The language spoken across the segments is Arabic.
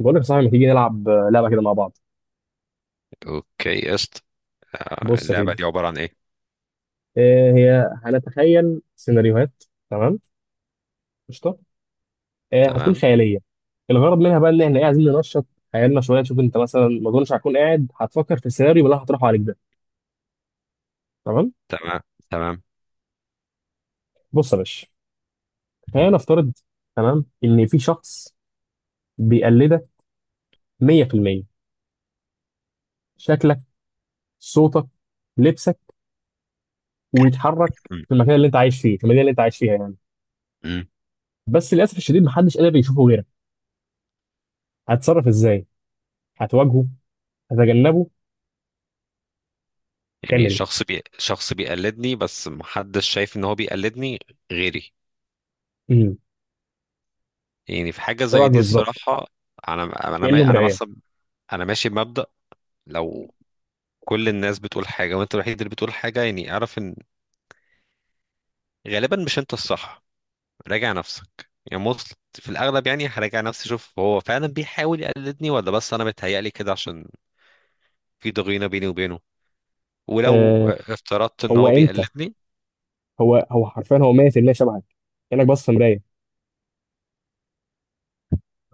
بقول لك يا صاحبي ما تيجي نلعب لعبه كده مع بعض. اوكي قشط. بص يا اللعبة سيدي. دي عبارة عن ايه؟ هي هنتخيل سيناريوهات. تمام. قشطه. هتكون تمام. خياليه. الغرض منها بقى ان احنا عايزين ننشط خيالنا شويه. نشوف انت مثلا ما اظنش هتكون قاعد هتفكر في السيناريو اللي أنا هطرحه عليك ده. تمام. تمام. تمام. بص يا باشا، خلينا نفترض، تمام، ان في شخص بيقلدك 100%، شكلك، صوتك، لبسك، ويتحرك مم. في المكان اللي انت عايش فيه، في المدينه اللي انت عايش فيها يعني. مم. بس للاسف الشديد محدش قادر يشوفه غيرك. هتتصرف ازاي؟ هتواجهه؟ هتجنبه؟ هتعمل يعني ايه؟ شخص بيقلدني بس محدش شايف ان هو بيقلدني غيري. امم يعني في حاجة زي شبهك دي، بالظبط، الصراحة انا انا كانه ما- انا مرايه. مثلا انا ماشي بمبدأ. لو كل الناس بتقول حاجة وانت الوحيد اللي بتقول حاجة، يعني اعرف ان غالبا مش انت الصح، راجع نفسك. يعني في الاغلب، يعني هراجع نفسي اشوف هو فعلا بيحاول يقلدني ولا بس انا متهيألي كده عشان في ضغينة بيني وبينه. ولو آه، افترضت ان هو هو انت. بيقلدني. هو حرفيا هو 100% شبهك، كانك بص في مرايه،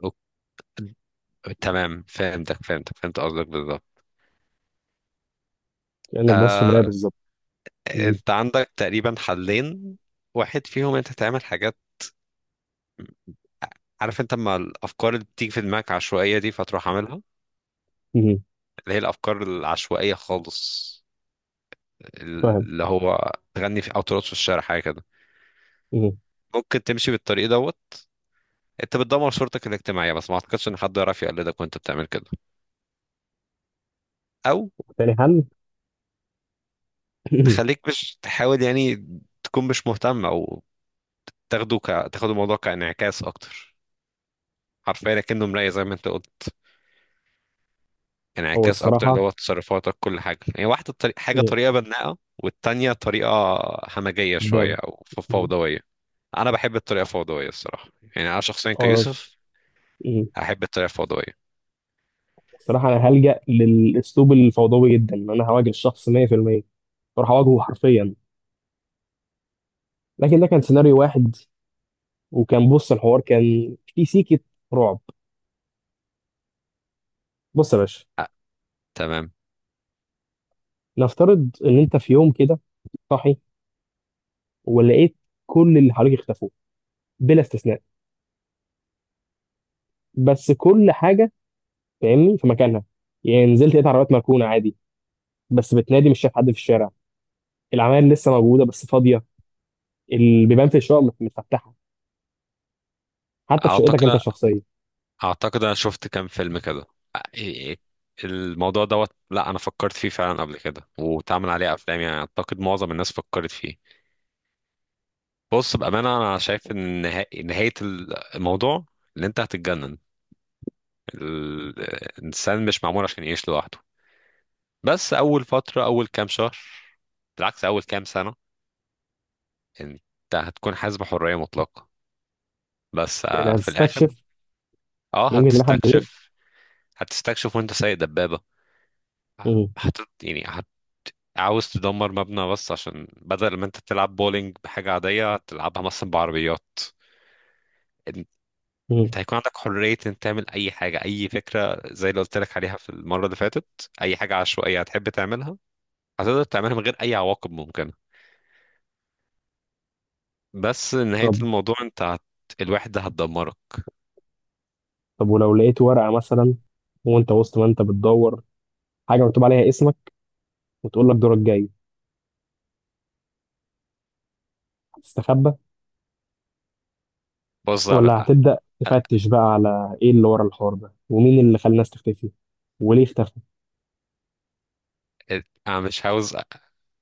أوك- تمام فهمت قصدك بالظبط. كانك بص في مرايه آه، بالظبط. مم. انت عندك تقريبا حلين. واحد فيهم انت تعمل حاجات، عارف انت اما الافكار اللي بتيجي في دماغك عشوائيه دي، فتروح عاملها، مم. اللي هي الافكار العشوائيه خالص، فاهم. اللي هو تغني في او ترقص في الشارع، حاجه كده. مم. ممكن تمشي بالطريق دوت، انت بتدمر صورتك الاجتماعيه، بس ما اعتقدش ان حد يعرف يقلدك وانت بتعمل كده. او تاني حل. تخليك مش تحاول، يعني تكون مش مهتم. او تاخده ك... تاخد الموضوع كانعكاس اكتر، حرفيا كأنه مراية زي ما انت قلت. هو انعكاس اكتر، الصراحه، اللي هو تصرفاتك كل حاجة، يعني واحدة حاجة، مم، طريقة بناءة، والتانية طريقة همجية شوية قدام، او مم، فوضوية. انا بحب الطريقة الفوضوية الصراحة، يعني انا شخصيا اه، كيوسف مم، احب الطريقة الفوضوية. الصراحه انا هلجأ للاسلوب الفوضوي جدا، ان انا هواجه الشخص 100%، اروح اواجهه حرفيا. لكن ده كان سيناريو واحد. وكان بص الحوار كان في سيكه رعب. بص يا باشا، أ- تمام. نفترض ان انت في يوم كده صاحي، ولقيت كل اللي حواليك اختفوا بلا استثناء، بس كل حاجه فاهمني في مكانها. يعني نزلت لقيت عربيات مركونه عادي، بس بتنادي مش شايف حد في الشارع، العماير لسه موجوده بس فاضيه، البيبان في الشقق متفتحه، حتى في شقتك انت اعتقد الشخصيه. اعتقد انا شفت كام فيلم كده. أ- إيه- الموضوع دوت، لا انا فكرت فيه فعلا قبل كده واتعمل عليه افلام، يعني اعتقد معظم الناس فكرت فيه. بص بأمانة، أنا شايف إن نهاية الموضوع إن أنت هتتجنن. ال- الإنسان مش معمول عشان يعيش لوحده. بس أول فترة، أول كام شهر، بالعكس أول كام سنة، أنت هتكون حاسس بحرية مطلقة، بس يعني في الآخر. هتستكشف أه مين اللي حد غير. هتستكشف. هتستكشف وأنت سايق دبابة. مم. هت يعني هت عاوز تدمر مبنى، بس عشان بدل ما أنت تلعب بولينج بحاجة عادية، هتلعبها مثلا بعربيات. مم. انت هيكون عندك حرية ان تعمل اي حاجة، اي فكرة، زي اللي قلت لك عليها في المرة اللي فاتت، اي حاجة عشوائية هتحب تعملها هتقدر تعملها من غير اي عواقب ممكنة. بس نهاية طب. الموضوع انت الوحدة هتدمرك. طب ولو لقيت ورقه مثلا، وانت وسط ما انت بتدور، حاجه مكتوب عليها اسمك وتقول لك دورك جاي، هتستخبى بص يا عب- ولا هتبدا أ- تفتش بقى على ايه اللي ورا الحوار ده ومين اللي خلى الناس تختفي وليه اختفى؟ انا مش عاوز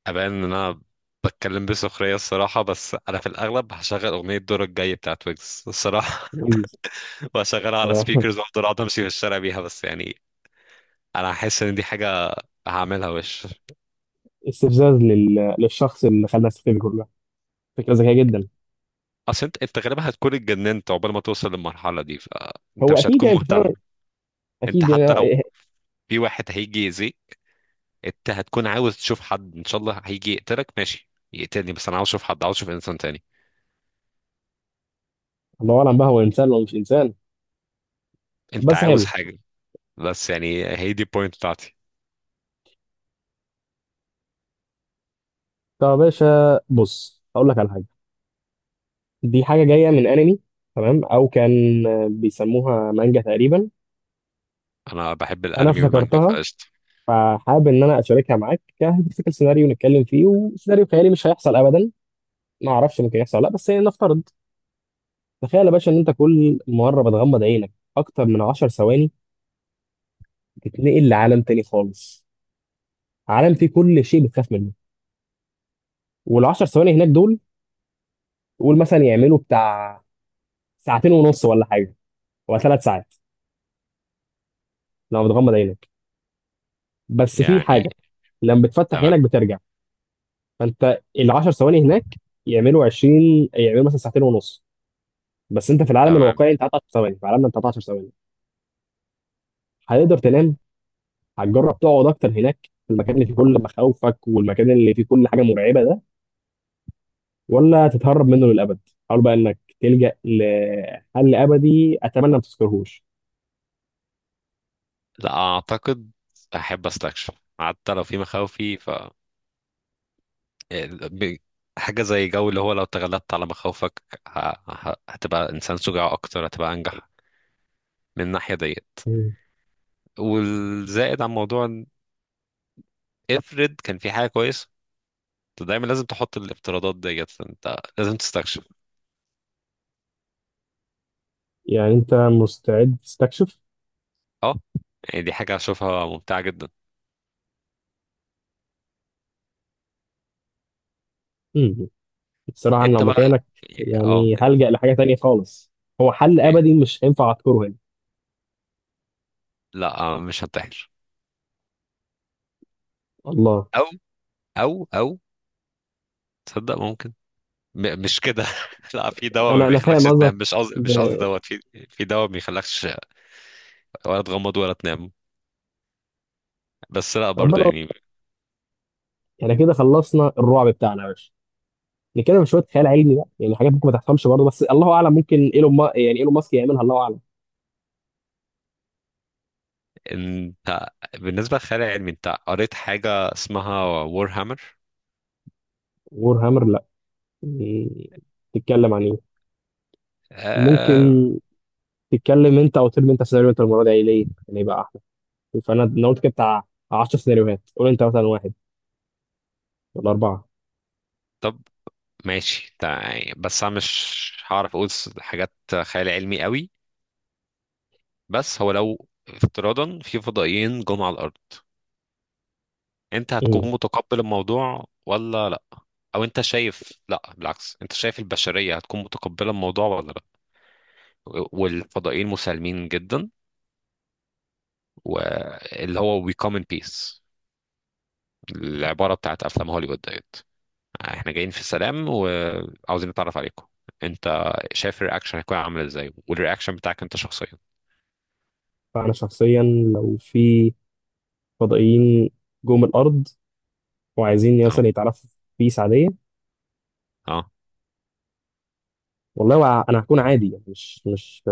ابان ان انا بتكلم بسخرية الصراحة، بس انا في الاغلب هشغل اغنية دورك الجاي بتاعت ويجز الصراحة. ويجز. وهشغلها على صراحة سبيكرز وافضل اقعد امشي في الشارع بيها، بس يعني انا هحس ان دي حاجة هعملها وش. استفزاز للشخص اللي خلى السفر دي كلها. فكرة ذكية جدا. اصل انت غالبا هتكون اتجننت عقبال ما توصل للمرحله دي، فانت هو مش أكيد هتكون يعني أنت مهتم. فاهم، انت أكيد حتى يعني إيه، لو في واحد هيجي يأذيك، انت هتكون عاوز تشوف حد، ان شاء الله هيجي يقتلك، ماشي يقتلني، بس انا عاوز اشوف حد، عاوز اشوف انسان تاني. الله أعلم بقى هو إنسان ولا مش إنسان. انت بس عاوز حلو. حاجه، بس يعني هي دي البوينت بتاعتي. طب يا باشا بص أقول لك على حاجة، دي حاجة جاية من أنمي، تمام، أو كان بيسموها مانجا تقريبا. انا بحب أنا الانمي والمانجا افتكرتها فقشطه. فحابب إن أنا أشاركها معاك كهيبوثيكال سيناريو نتكلم فيه، وسيناريو خيالي مش هيحصل أبدا. ما أعرفش ممكن يحصل ولا لأ، بس يعني نفترض. تخيل يا باشا إن أنت كل مرة بتغمض عينك أكتر من 10 ثواني، تتنقل لعالم تاني خالص. عالم فيه كل شيء بتخاف منه. والعشر ثواني هناك دول قول مثلا يعملوا بتاع ساعتين ونص ولا حاجه، ولا ثلاث ساعات، لما بتغمض عينك. بس في يعني حاجه، لما بتفتح تمام، عينك بترجع. فانت العشر ثواني هناك يعملوا 20، يعملوا مثلا ساعتين ونص، بس انت في العالم تمام. الواقعي انت قعدت 10 ثواني، في عالمنا انت قعدت 10 ثواني. هتقدر تنام؟ هتجرب تقعد اكتر هناك، في المكان اللي فيه كل مخاوفك والمكان اللي فيه كل حاجه مرعبه ده؟ ولا تتهرب منه للأبد؟ حاول بقى إنك تلجأ لحل أبدي أتمنى ما تذكرهوش. لا اعتقد، احب استكشف حتى لو في مخاوفي. ب- حاجة زي جو، اللي هو لو تغلبت على مخاوفك، ه- هتبقى إنسان شجاع أكتر، هتبقى أنجح من الناحية ديت. مم. والزائد عن موضوع إن افرض كان في حاجة كويسة، أنت دايما لازم تحط الافتراضات ديت، أنت لازم تستكشف. يعني أنت مستعد تستكشف؟ أه، يعني دي حاجة أشوفها ممتعة جدا. مم. بصراحة أنا لو أنت بقى. مكانك، أه. يعني هلجأ لحاجة تانية خالص. هو حل إيه. أبدي مش هينفع أذكره هنا. لا مش هنتحر. الله. أو أو أو تصدق ممكن، مش كده. لا، في دواء ما أنا بيخلكش فاهم تنام، قصدك. مش قصدي ب... مش قصدي دوت. في دواء ما بيخلكش ولا تغمض ولا تنام. بس لا، برضو ربنا. يعني. يعني كده خلصنا الرعب بتاعنا يا باشا. نتكلم شوية خيال علمي بقى، يعني حاجات ممكن ما تفهمش برضه، بس الله أعلم ممكن إيلون ما... يعني إيلون ماسك يعملها، الله أعلم. انت بالنسبة للخيال العلمي، انت قريت حاجة اسمها وور هامر؟ وور هامر، لا. مم. تتكلم عن إيه؟ ممكن آه. تتكلم انت او ترمي انت سيناريو انت المره دي، يعني ليه؟ يعني يبقى احلى. فانا قلت كده بتاع 10 سيناريوهات، قول انت مثلا واحد ولا اربعه. طب ماشي يعني بس انا مش هعرف اقول حاجات خيال علمي قوي. بس هو لو افتراضا في فضائيين جم على الارض، انت امم. هتكون متقبل الموضوع ولا لا؟ او انت شايف، لا بالعكس، انت شايف البشرية هتكون متقبلة الموضوع ولا لا؟ والفضائيين مسالمين جدا، واللي هو we come in peace، العبارة بتاعت افلام هوليوود ديت، احنا جايين في السلام وعاوزين نتعرف عليكم. انت شايف الرياكشن هيكون عامل ازاي، والرياكشن بتاعك انت شخصيا؟ فانا شخصيا لو في فضائيين جم الارض وعايزين اه. مثلا يتعرفوا بيس عاديه، اه. والله انا هكون عادي يعني، مش مش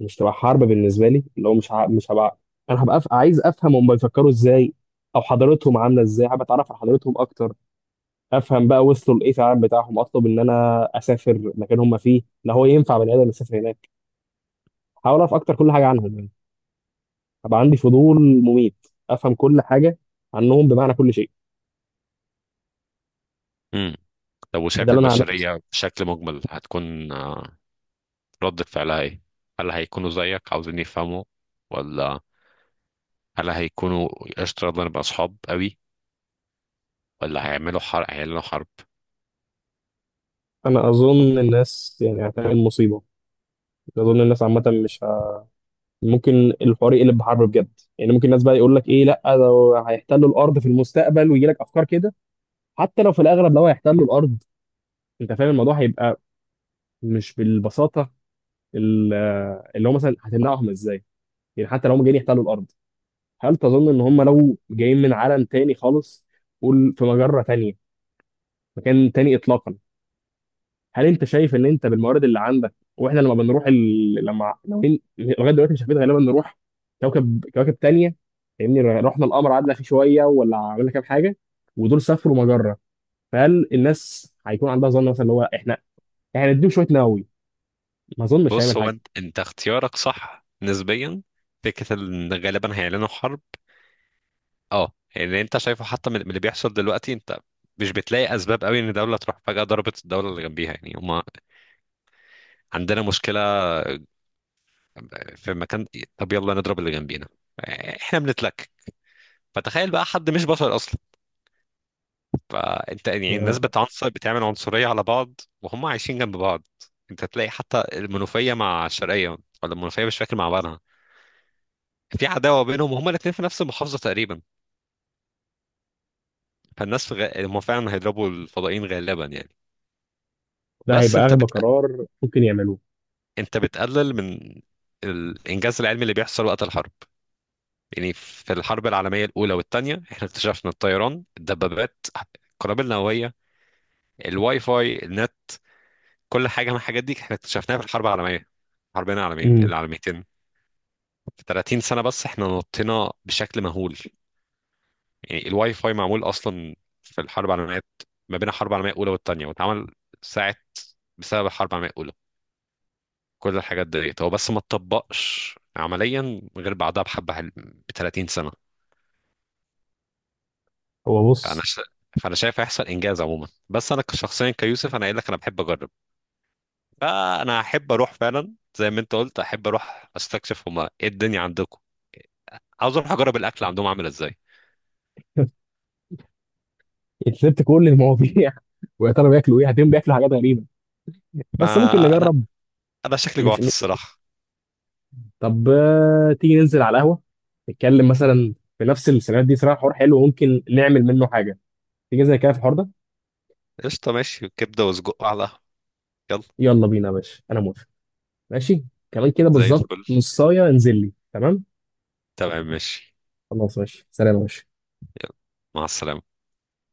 مش تبقى حرب بالنسبه لي، اللي هو مش هبقى، انا هبقى عايز افهم هم بيفكروا ازاي، او حضارتهم عامله ازاي، حابب اتعرف على حضارتهم اكتر. افهم بقى وصلوا لايه في العالم بتاعهم. اطلب ان انا اسافر مكان هم فيه، لا هو ينفع بني ادم يسافر هناك. هحاول اعرف اكتر كل حاجه عنهم يعني، هبقى عندي فضول مميت افهم كل حاجه عنهم، بمعنى كل شيء. امم طب، إيه ده وشايف اللي انا هعمله بس. البشرية بشكل مجمل هتكون ردة فعلها ايه؟ هل هيكونوا زيك عاوزين يفهموا؟ ولا هل هيكونوا قشطة يلا نبقى أصحاب قوي؟ ولا هيعملوا حرب، هيعلنوا حرب؟ انا اظن الناس يعني هتعمل مصيبه. اظن الناس عامه مش ه... ممكن الحوار يقلب بحرب بجد. يعني ممكن الناس بقى يقول لك ايه، لا ده هيحتلوا الارض في المستقبل، ويجي لك افكار كده. حتى لو في الاغلب لو هيحتلوا الارض، انت فاهم الموضوع هيبقى مش بالبساطه. ال- اللي هو مثلا هتمنعهم ازاي. يعني حتى لو هم جايين يحتلوا الارض، هل تظن ان هم لو جايين من عالم تاني خالص، قول في مجره تانيه، مكان تاني اطلاقا، هل انت شايف ان انت بالموارد اللي عندك، واحنا لما لما ناويين لغايه دلوقتي مش عارفين غالبا نروح كوكب، كواكب تانية، فاهمني؟ رحنا القمر قعدنا فيه شويه ولا عملنا كام حاجه، ودول سافروا مجره. فهل الناس هيكون عندها ظن مثلا اللي هو احنا نديهم شويه نووي، ما اظنش بص، هيعمل هو حاجه. أنت اختيارك صح نسبيا. فكرة إن غالبا هيعلنوا حرب، أه، يعني أنت شايفه حتى من اللي بيحصل دلوقتي. أنت مش بتلاقي أسباب قوي إن دولة تروح فجأة ضربت الدولة اللي جنبيها؟ يعني هما عندنا مشكلة في مكان، طب يلا نضرب اللي جنبينا، إحنا بنتلك. فتخيل بقى حد مش بشر أصلا. فانت يعني الناس ف- بتعنصر، بتعمل عنصرية على بعض وهم عايشين جنب بعض. انت تلاقي حتى المنوفية مع الشرقية، ولا المنوفية مش فاكر مع بعضها، في عداوة بينهم وهما الاتنين في نفس المحافظة تقريبا. فالناس في هم فعلا هيضربوا الفضائيين غالبا، يعني ده بس هيبقى انت اغبى قرار ممكن يعملوه. انت بتقلل من الانجاز العلمي اللي بيحصل وقت الحرب. يعني في الحرب العالمية الأولى والثانية احنا اكتشفنا الطيران، الدبابات، القنابل النووية، الواي فاي، النت، كل حاجة من الحاجات دي احنا اكتشفناها في الحرب العالمية، الحربين العالمية امم. العالميتين. في 30 سنة بس احنا نطينا بشكل مهول. يعني الواي فاي معمول أصلا في الحرب العالمية، ما بين الحرب العالمية الأولى والتانية، واتعمل ساعة بسبب الحرب العالمية الأولى. كل الحاجات ديت هو بس ما اتطبقش عمليا غير بعدها بحبة، ب 30 سنة. هو فأنا بص، ش... فأنا شايف هيحصل إنجاز عموما. بس أنا شخصيا كيوسف، أنا قايل لك أنا بحب أجرب. فأنا أحب أروح فعلا زي ما أنت قلت، أحب أروح أستكشف هما إيه الدنيا عندكم، عاوز أروح أجرب الأكل عندهم عامل إزاي. انت سبت كل المواضيع. ويا ترى بياكلوا ايه، هتلاقيهم بياكلوا حاجات غريبه، ما بس ممكن أنا نجرب. أنا شكلي مش، جوعت الصراحة. طب تيجي ننزل على القهوة، نتكلم مثلا في نفس السيناريوهات دي؟ صراحة حوار حلو ممكن نعمل منه حاجة. تيجي زي كده في الحوار ده؟ قشطة ماشي، كبدة وسجق على. يلا. يلا بينا يا باشا أنا موافق. ماشي. كمان كده زي بالظبط، الفل، نصاية انزل لي. تمام. تمام ماشي. خلاص، ماشي، سلام يا باشا. مع السلامة.